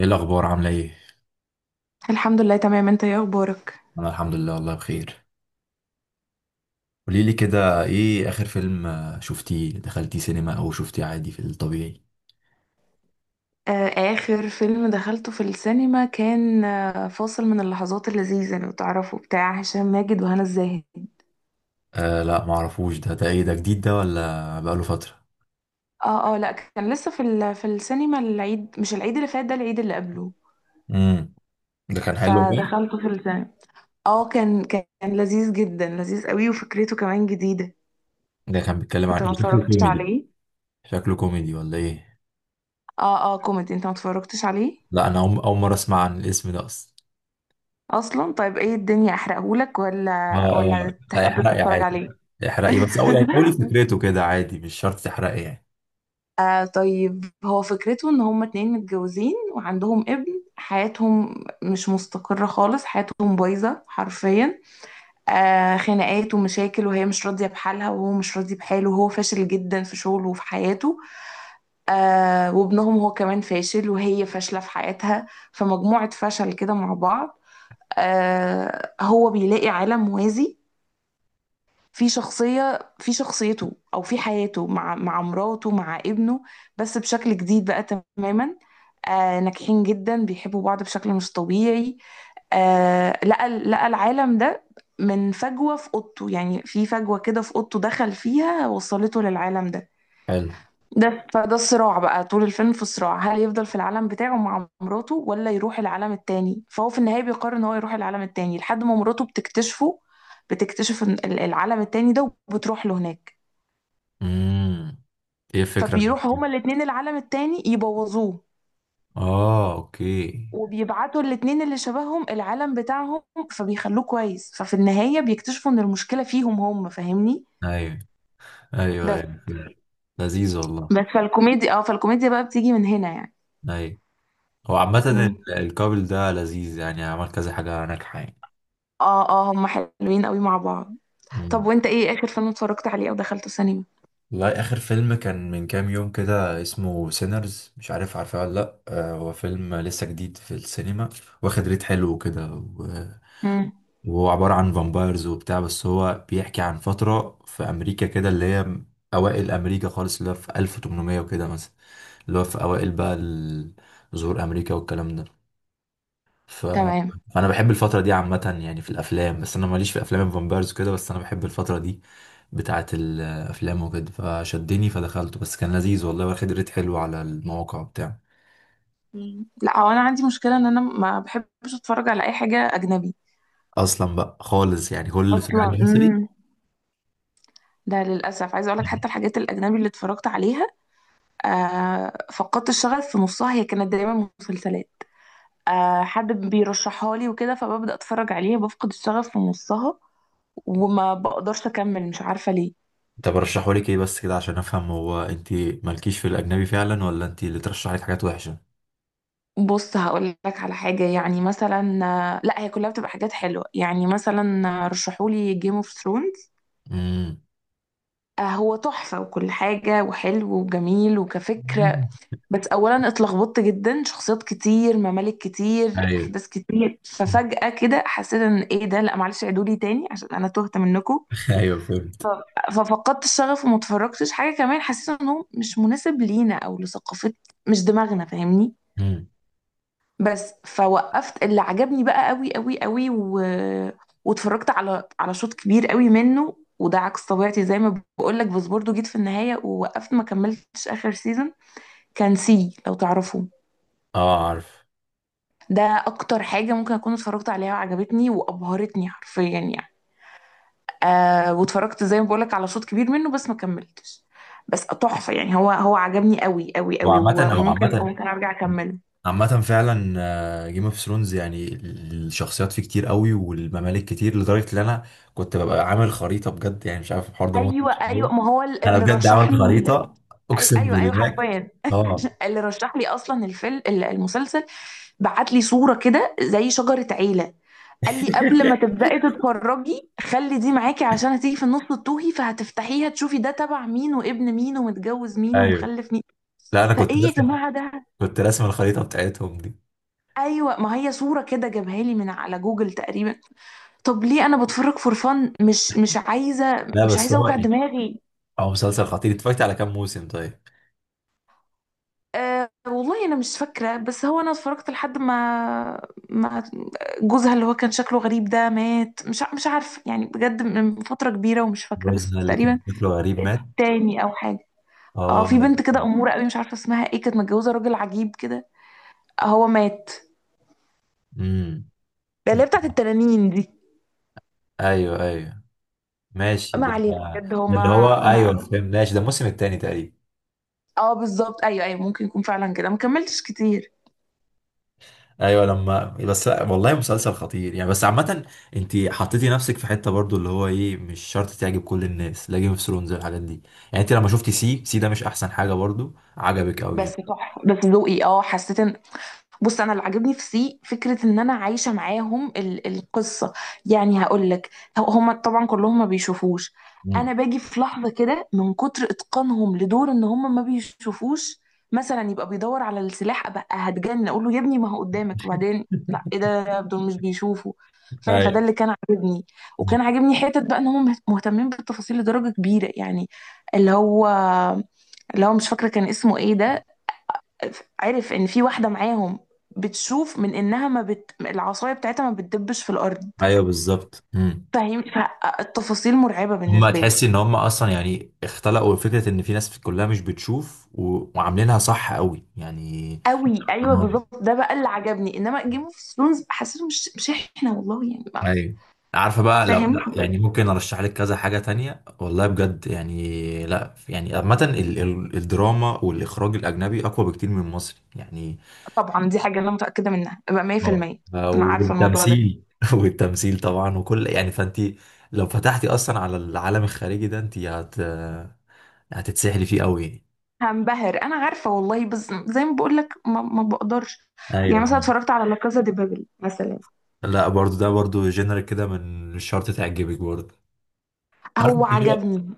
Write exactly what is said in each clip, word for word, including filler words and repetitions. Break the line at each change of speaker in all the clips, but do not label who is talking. ايه الاخبار؟ عامله ايه؟
الحمد لله، تمام. انت ايه اخبارك؟
انا الحمد لله والله بخير. قولي لي كده، ايه اخر فيلم؟ آه، شفتيه؟ دخلتيه سينما او شفتيه عادي في الطبيعي؟
آه، اخر فيلم دخلته في السينما كان آه، فاصل من اللحظات اللذيذه، لو تعرفوا، بتاع هشام ماجد وهنا الزاهد.
آه لا معرفوش ده ده ايه؟ ده جديد ده ولا بقاله فتره؟
اه اه، لا كان لسه في ال- في السينما العيد، مش العيد اللي فات، ده العيد اللي قبله.
امم. ده كان حلو بقى.
فدخلته في السينما. اه، كان كان لذيذ جدا، لذيذ قوي، وفكرته كمان جديده.
ده كان بيتكلم عن
انت ما
ايه؟ شكله
اتفرجتش
كوميدي؟
عليه؟
شكله كوميدي ولا ايه؟
اه اه، كوميدي. انت ما اتفرجتش عليه؟
لا انا أم- اول مره اسمع عن الاسم ده اصلا.
اصلا؟ طيب ايه الدنيا، احرقهولك ولا؟
اه اه.
ولا
لا
تحب
احرقي
تتفرج
عادي.
عليه؟
احرقي بس، او يعني قولي فكرته كده عادي، مش شرط تحرقي يعني.
آه طيب، هو فكرته ان هما اتنين متجوزين وعندهم ابن، حياتهم مش مستقرة خالص، حياتهم بايظة حرفيا. آه خناقات ومشاكل، وهي مش راضية بحالها، وهو مش راضي بحاله، وهو فاشل جدا في شغله وفي حياته. آه وابنهم هو كمان فاشل، وهي فاشلة في حياتها. فمجموعة فشل كده مع بعض. آه هو بيلاقي عالم موازي في شخصية في شخصيته، أو في حياته، مع مع مراته، مع ابنه. بس بشكل جديد بقى. تماما. آه ناجحين جدا، بيحبوا بعض بشكل مش طبيعي. آه لقى لقى العالم ده، من فجوة في أوضته، يعني في فجوة كده في أوضته، دخل فيها وصلته للعالم ده.
حلو.
ده فده الصراع بقى، طول الفيلم في الصراع: هل يفضل في العالم بتاعه مع مراته ولا يروح العالم التاني. فهو في النهاية بيقرر ان هو يروح العالم التاني، لحد ما مراته بتكتشفه. بتكتشف إن ال- العالم التاني ده، وبتروح له هناك.
امم. ايه الفكره؟
فبيروح هما الاتنين العالم التاني يبوظوه.
اه اوكي.
وبيبعتوا الاتنين اللي شبههم العالم بتاعهم، فبيخلوه كويس. ففي النهاية بيكتشفوا ان المشكلة فيهم هم، فاهمني.
ايوه، ايوه،
بس.
ايوه، فيلم لذيذ والله.
بس فالكوميديا اه فالكوميديا بقى بتيجي من هنا يعني.
ايوه. هو عامة،
م.
ال- الكابل ده لذيذ يعني، عمل كذا حاجة ناجحة يعني.
اه اه، هما حلوين قوي مع بعض. طب
مم.
وانت ايه اخر فيلم اتفرجت عليه او دخلته سينما؟
والله آخر فيلم كان من كام يوم كده، اسمه سينرز. مش عارف عارفه ولا لأ، آه، هو فيلم لسه جديد في السينما، واخد ريت حلو وكده و-
امم
وهو عبارة عن فامبايرز وبتاع. بس هو بيحكي عن فترة في أمريكا كده، اللي هي أوائل أمريكا خالص، اللي هو في تمنميه وكده مثلا، اللي هو في أوائل بقى ال- ظهور أمريكا والكلام ده. ف...
تمام.
فانا بحب الفتره دي عامه يعني في الافلام، بس انا ماليش في افلام الفامبيرز كده، بس انا بحب الفتره دي بتاعه الافلام وكده. فشدني فدخلته، بس كان لذيذ والله، واخد ريت حلو على المواقع بتاع.
مم. لا هو انا عندي مشكله، ان انا ما بحبش اتفرج على اي حاجه اجنبي
اصلا بقى خالص، يعني كل اللي بتقول
اصلا.
عليه مصري.
امم ده للاسف، عايزه اقول لك حتى الحاجات الاجنبي اللي اتفرجت عليها، آه فقدت الشغف في نصها. هي كانت دايما مسلسلات، آه حد بيرشحها لي وكده، فببدا اتفرج عليها بفقد الشغف في نصها، وما بقدرش اكمل، مش عارفه ليه.
انت برشحه لك ايه بس كده عشان افهم؟ هو انت مالكيش في الاجنبي فعلا، ولا انت اللي ترشح لك حاجات وحشه؟
بص، هقول لك على حاجة، يعني مثلا، لا هي كلها بتبقى حاجات حلوة. يعني مثلا رشحولي جيم اوف ثرونز،
امم.
هو تحفة وكل حاجة، وحلو وجميل وكفكرة. بس أولا اتلخبطت جدا، شخصيات كتير، ممالك كتير،
ايوه.
أحداث كتير، ففجأة كده حسيت إن إيه ده، لا معلش عيدولي تاني عشان أنا تهت منكم.
ايوه فهمت.
ففقدت الشغف وما اتفرجتش حاجة. كمان حسيت إنه مش مناسب لينا، أو لثقافة، مش دماغنا، فاهمني.
امم.
بس فوقفت. اللي عجبني بقى قوي قوي قوي، و... واتفرجت على على شوط كبير قوي منه، وده عكس طبيعتي زي ما بقول لك. بس برضه جيت في النهاية ووقفت، ما كملتش آخر سيزون. كان سي، لو تعرفوه.
اه عارف.
ده أكتر حاجة ممكن أكون اتفرجت عليها وعجبتني وأبهرتني حرفيا يعني. آه واتفرجت زي ما بقول لك على شوط كبير منه، بس ما كملتش. بس تحفة يعني. هو هو عجبني قوي قوي قوي،
وعامة
و-
او
وممكن
عامة
وممكن أرجع أكمله.
عامة فعلا جيم اوف ثرونز يعني الشخصيات فيه كتير قوي والممالك كتير، لدرجة ان انا كنت ببقى عامل خريطة بجد يعني. مش عارف الحوار ده، موت
ايوه
مش
ايوه،
كده.
ما هو ال-
انا
اللي
بجد
رشح
عامل
لي.
خريطة،
أي-
اقسم
ايوه ايوه
بالله.
حرفيا،
اه.
اللي رشح لي اصلا الفيلم، المسلسل، بعت لي صوره كده زي شجره عيله. قال لي قبل ما تبداي تتفرجي، خلي دي معاكي عشان هتيجي في النص تتوهي، فهتفتحيها تشوفي ده تبع مين، وابن مين، ومتجوز مين،
ايوه.
ومخلف مين.
لا انا كنت
فايه يا
راسم
جماعه ده؟
كنت راسم الخريطة بتاعتهم دي.
ايوه، ما هي صوره كده جابها لي من على جوجل تقريبا. طب ليه، انا بتفرج فور فن، مش مش عايزه
لا
مش
بس
عايزه
هو
اوجع
ايه،
دماغي.
هو مسلسل خطير. اتفرجت على كام موسم طيب؟
أه والله انا مش فاكره، بس هو انا اتفرجت لحد ما ما جوزها اللي هو كان شكله غريب ده مات. مش ع- مش عارفه يعني بجد، من فتره كبيره ومش فاكره، بس
جوزها اللي كان
تقريبا
شكله غريب مات؟
التاني او حاجه. اه،
اه.
في بنت كده اموره قوي، مش عارفه اسمها ايه، كانت متجوزه راجل عجيب كده، هو مات،
امم.
ده اللي هي بتاعت التنانين دي.
ايوه ايوه ماشي
ما
ده.
علينا
ده
بجد، هو
اللي هو،
ما
ايوه
ما
فهمت، ماشي ده الموسم الثاني تقريبا.
اه بالظبط، ايوه ايوه، ممكن يكون فعلا كده، ما كملتش كتير.
ايوه، لما بس والله مسلسل خطير يعني. بس عامة، انت حطيتي نفسك في حتة برضو اللي هو ايه، مش شرط تعجب كل الناس. لا جيم اوف ثرونز الحاجات دي. يعني انت لما شفتي سي سي ده، مش احسن حاجة برضو؟ عجبك قوي
بس
يعني.
تحفه، بس ذوقي، اه حسيت ان... بص، انا اللي عاجبني في سي، فكره ان انا عايشه معاهم ال- القصه. يعني هقول لك، هم طبعا كلهم ما بيشوفوش،
مم.
انا باجي في لحظه كده من كتر اتقانهم لدور ان هم ما بيشوفوش. مثلا يبقى بيدور على السلاح، ابقى هتجن، اقول له يا ابني ما هو قدامك، وبعدين لا، ايه ده، دول مش بيشوفوا. فاهم، فده اللي
ايوه.
كان عاجبني.
مم.
وكان عاجبني حته بقى، ان هم مهتمين بالتفاصيل لدرجه كبيره يعني. اللي هو، اللي هو مش فاكره كان اسمه ايه ده، عرف ان في واحده معاهم بتشوف من انها ما بت... العصايه بتاعتها ما بتدبش في الارض،
ايوه بالظبط. مم.
فاهم، فالتفاصيل مرعبه
هما
بالنسبه لي.
تحسي ان هما اصلا يعني اختلقوا فكرة ان في ناس كلها مش بتشوف و... وعاملينها صح قوي يعني.
قوي، ايوه بالظبط، ده بقى اللي عجبني. انما جيم اوف ثرونز حسيته مش مش احنا والله يعني بقى.
ايوه. عارفه بقى لو
فاهم.
لا يعني ممكن ارشح لك كذا حاجه تانية والله بجد يعني. لا يعني عامه، ال- ال- الدراما والاخراج الاجنبي اقوى بكتير من المصري يعني.
طبعا دي حاجه انا متاكده منها بقى
اه،
مية في المية.
آه،
انا عارفه الموضوع ده.
والتمثيل والتمثيل طبعا وكل يعني. فانت لو فتحتي اصلا على العالم الخارجي ده انت هت هتتسحلي فيه قوي يعني.
هنبهر، انا عارفه والله، بس زي ما بقول لك ما, ما بقدرش.
ايوه
يعني مثلا
فاهم.
اتفرجت على لا كازا دي بابل مثلا،
لا برضو، ده برضو جنرال كده، من الشرط تعجبك برضو.
هو
عارف،
عجبني.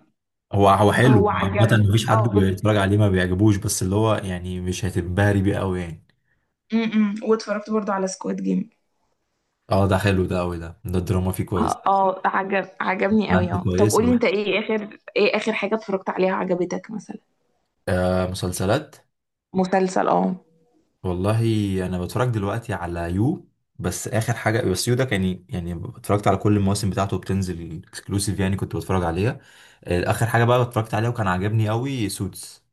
هو هو
هو
حلو عامة،
عجبني،
مفيش حد
اه بس...
بيتفرج عليه ما بيعجبوش، بس اللي هو يعني مش هتنبهري بيه قوي يعني.
امم واتفرجت برضو على سكواد جيم.
اه ده حلو، ده قوي ده ده الدراما فيه كويس.
اه آه، عجب عجبني قوي.
مادة
اه طب
كويس
قولي،
قوي.
انت ايه اخر، ايه اخر حاجة اتفرجت عليها عجبتك مثلا؟
آه مسلسلات.
مسلسل، اه
والله انا بتفرج دلوقتي على يو. بس اخر حاجة، بس يو ده كان يعني اتفرجت على كل المواسم بتاعته، بتنزل اكسكلوسيف يعني كنت بتفرج عليها. آه اخر حاجة بقى اتفرجت عليها وكان عاجبني قوي سوتس.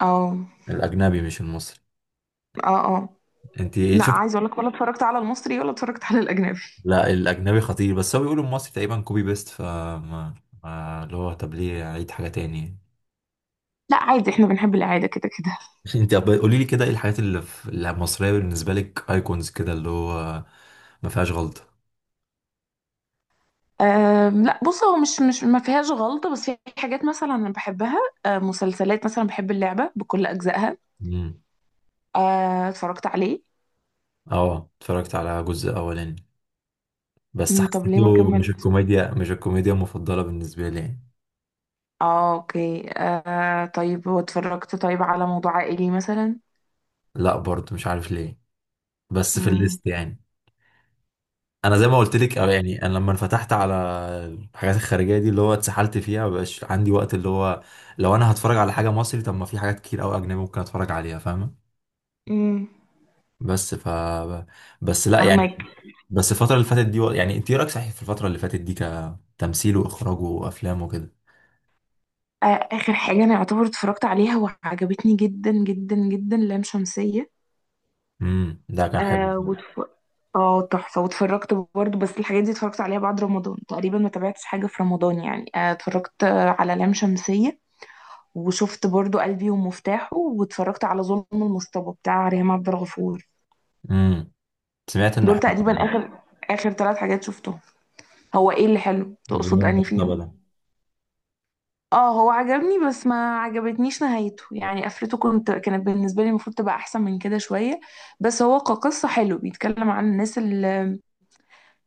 اه
الاجنبي مش المصري.
اه، اه
انت
لا
شفت؟
عايزة اقول لك ولا اتفرجت على المصري ولا اتفرجت على الاجنبي.
لا الاجنبي خطير. بس هو بيقولوا المصري تقريبا كوبي بيست، فما ما- ما- اللي هو طب ليه اعيد حاجه تاني.
لا عادي، احنا بنحب العادة كده كده.
انت طب قولي لي كده ايه الحاجات اللي في- اللي المصريه بالنسبه لك ايكونز كده اللي هو ما فيهاش غلطه.
أم لا، بص، هو مش مش ما فيهاش غلطة، بس في حاجات مثلا انا بحبها. أه مسلسلات، مثلا بحب اللعبة بكل اجزائها.
امم.
أه اتفرجت عليه.
اه اتفرجت على جزء اولاني، بس
أمم، طب ليه ما
حسيته، مش
كملتش؟
الكوميديا مش الكوميديا المفضله بالنسبه لي يعني.
اه اوكي. آه طيب، واتفرجت طيب على موضوع عائلي مثلا؟
لا برضه مش عارف ليه، بس في
امم
الليست يعني. انا زي ما قلت لك، أو يعني انا لما انفتحت على الحاجات الخارجيه دي اللي هو اتسحلت فيها، مبقاش عندي وقت. اللي هو لو انا هتفرج على حاجه مصري، طب ما في حاجات كتير قوي اجنبي ممكن اتفرج عليها، فاهمه؟
امم
بس ف بس لا يعني.
فاهمك.
بس الفتره اللي فاتت دي و... يعني انت إيه رايك صحيح في الفتره اللي فاتت دي كتمثيل واخراج وافلام وكده.
آه اخر حاجة انا اعتبر اتفرجت عليها وعجبتني جدا جدا جدا، لام شمسية.
امم، ده كان حلو.
آه وتف... اه تحفة. واتفرجت برضه، بس الحاجات دي اتفرجت عليها بعد رمضان تقريبا، ما تابعتش حاجة في رمضان يعني. آه اتفرجت آه، على لام شمسية، وشفت برضه قلبي ومفتاحه، واتفرجت على ظلم المصطبة بتاع ريهام عبد الغفور.
امم، سمعت انه
دول
حلو.
تقريبا اخر اخر ثلاث حاجات شفتهم. هو ايه اللي حلو
الفيلم
تقصد اني
المختبر
فيهم؟
ده؟
اه، هو عجبني، بس ما عجبتنيش نهايته يعني، قفلته. كنت كانت بالنسبه لي المفروض تبقى احسن من كده شويه. بس هو كقصه حلو، بيتكلم عن الناس اللي،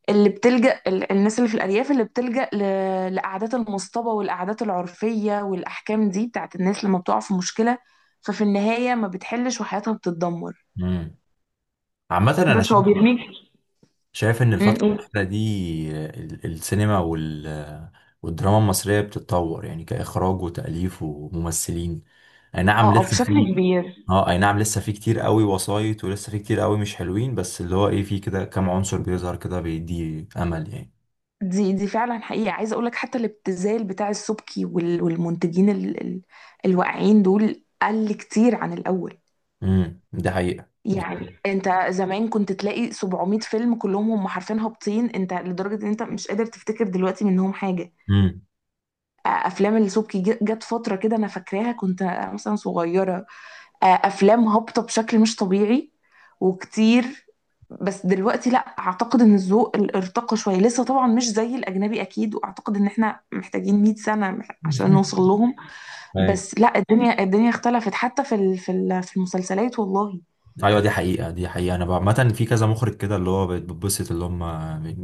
اللي بتلجأ ال- الناس اللي في الارياف اللي بتلجأ ل- لقعدات المصطبه والقعدات العرفيه والاحكام دي بتاعت الناس لما بتقع في مشكله، ففي النهايه ما بتحلش وحياتها بتتدمر.
امم. عامه انا
بس هو
شايف
بيرميك.
شايف ان
م-
الفترة
م.
الأخيرة دي، ال- السينما وال والدراما المصرية بتتطور يعني كإخراج وتأليف وممثلين. أي نعم
اه آه،
لسه
بشكل
في.
كبير.
اه أي نعم لسه في كتير قوي وسايط ولسه في كتير قوي مش حلوين، بس اللي هو ايه، في كده كام عنصر بيظهر كده بيدي أمل يعني.
دي دي فعلا حقيقة، عايزة اقول لك حتى الابتذال بتاع السبكي وال- والمنتجين ال- ال- الواقعين دول قل كتير عن الاول.
امم، دي حقيقة
يعني
بالظبط.
انت زمان كنت تلاقي 700 فيلم كلهم، هم حرفيا هابطين، انت لدرجة ان انت مش قادر تفتكر دلوقتي منهم حاجة.
امم.
آه، افلام السبكي ج- جت فترة كده انا فاكراها، كنت مثلا صغيرة، آه، افلام هابطه بشكل مش طبيعي وكتير. بس دلوقتي لا، اعتقد ان الذوق ال- ارتقى شويه، لسه طبعا مش زي الاجنبي اكيد، واعتقد ان احنا محتاجين مئة سنة سنه مح- عشان نوصل لهم. بس لا، الدنيا الدنيا اختلفت، حتى في ال- في ال- في المسلسلات والله.
ايوه، دي حقيقة دي حقيقة. انا بقى- عامة في كذا مخرج كده اللي هو بت- بتبسط اللي هم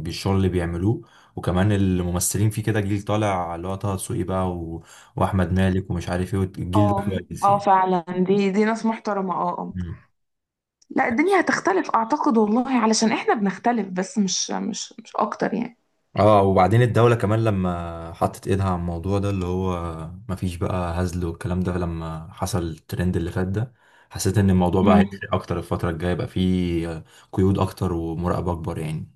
بالشغل اللي بيعملوه. وكمان الممثلين، في كده جيل طالع اللي هو طه دسوقي بقى و... واحمد مالك ومش عارف ايه. الجيل ده
اه
كويس
اه،
يعني.
فعلا، دي دي ناس محترمه، اه اه.
مم.
لا الدنيا هتختلف اعتقد والله، علشان احنا بنختلف، بس مش مش مش اكتر يعني.
اه، وبعدين الدولة كمان لما حطت ايدها على الموضوع ده اللي هو مفيش بقى هزل والكلام ده، لما حصل الترند اللي فات ده، حسيت ان الموضوع بقى
مم.
هيفرق اكتر الفترة الجاية. يبقى فيه قيود اكتر ومراقبة اكبر يعني.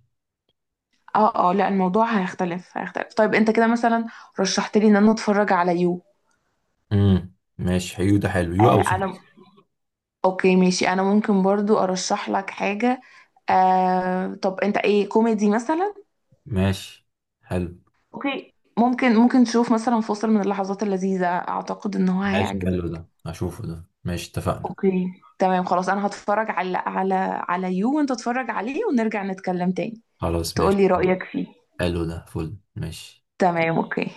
اه اه، لا الموضوع هيختلف هيختلف. طيب انت كده مثلا رشحت لي ان انا اتفرج على يو.
امم، ماشي. حلو ده، حلو يو
آه
او
انا
سوس.
اوكي، ماشي. انا ممكن برضو ارشح لك حاجة، آه طب انت ايه كوميدي مثلا؟
ماشي. حلو.
اوكي، ممكن ممكن تشوف مثلا فاصل من اللحظات اللذيذة، اعتقد ان هو
ماشي حلو، ده
هيعجبك.
هشوفه ده، ماشي اتفقنا.
اوكي، تمام خلاص، انا هتفرج على على على يو، وانت اتفرج عليه ونرجع نتكلم تاني،
خلاص ماشي.
تقولي رأيك فيه.
حلو ده فل، ماشي.
تمام اوكي.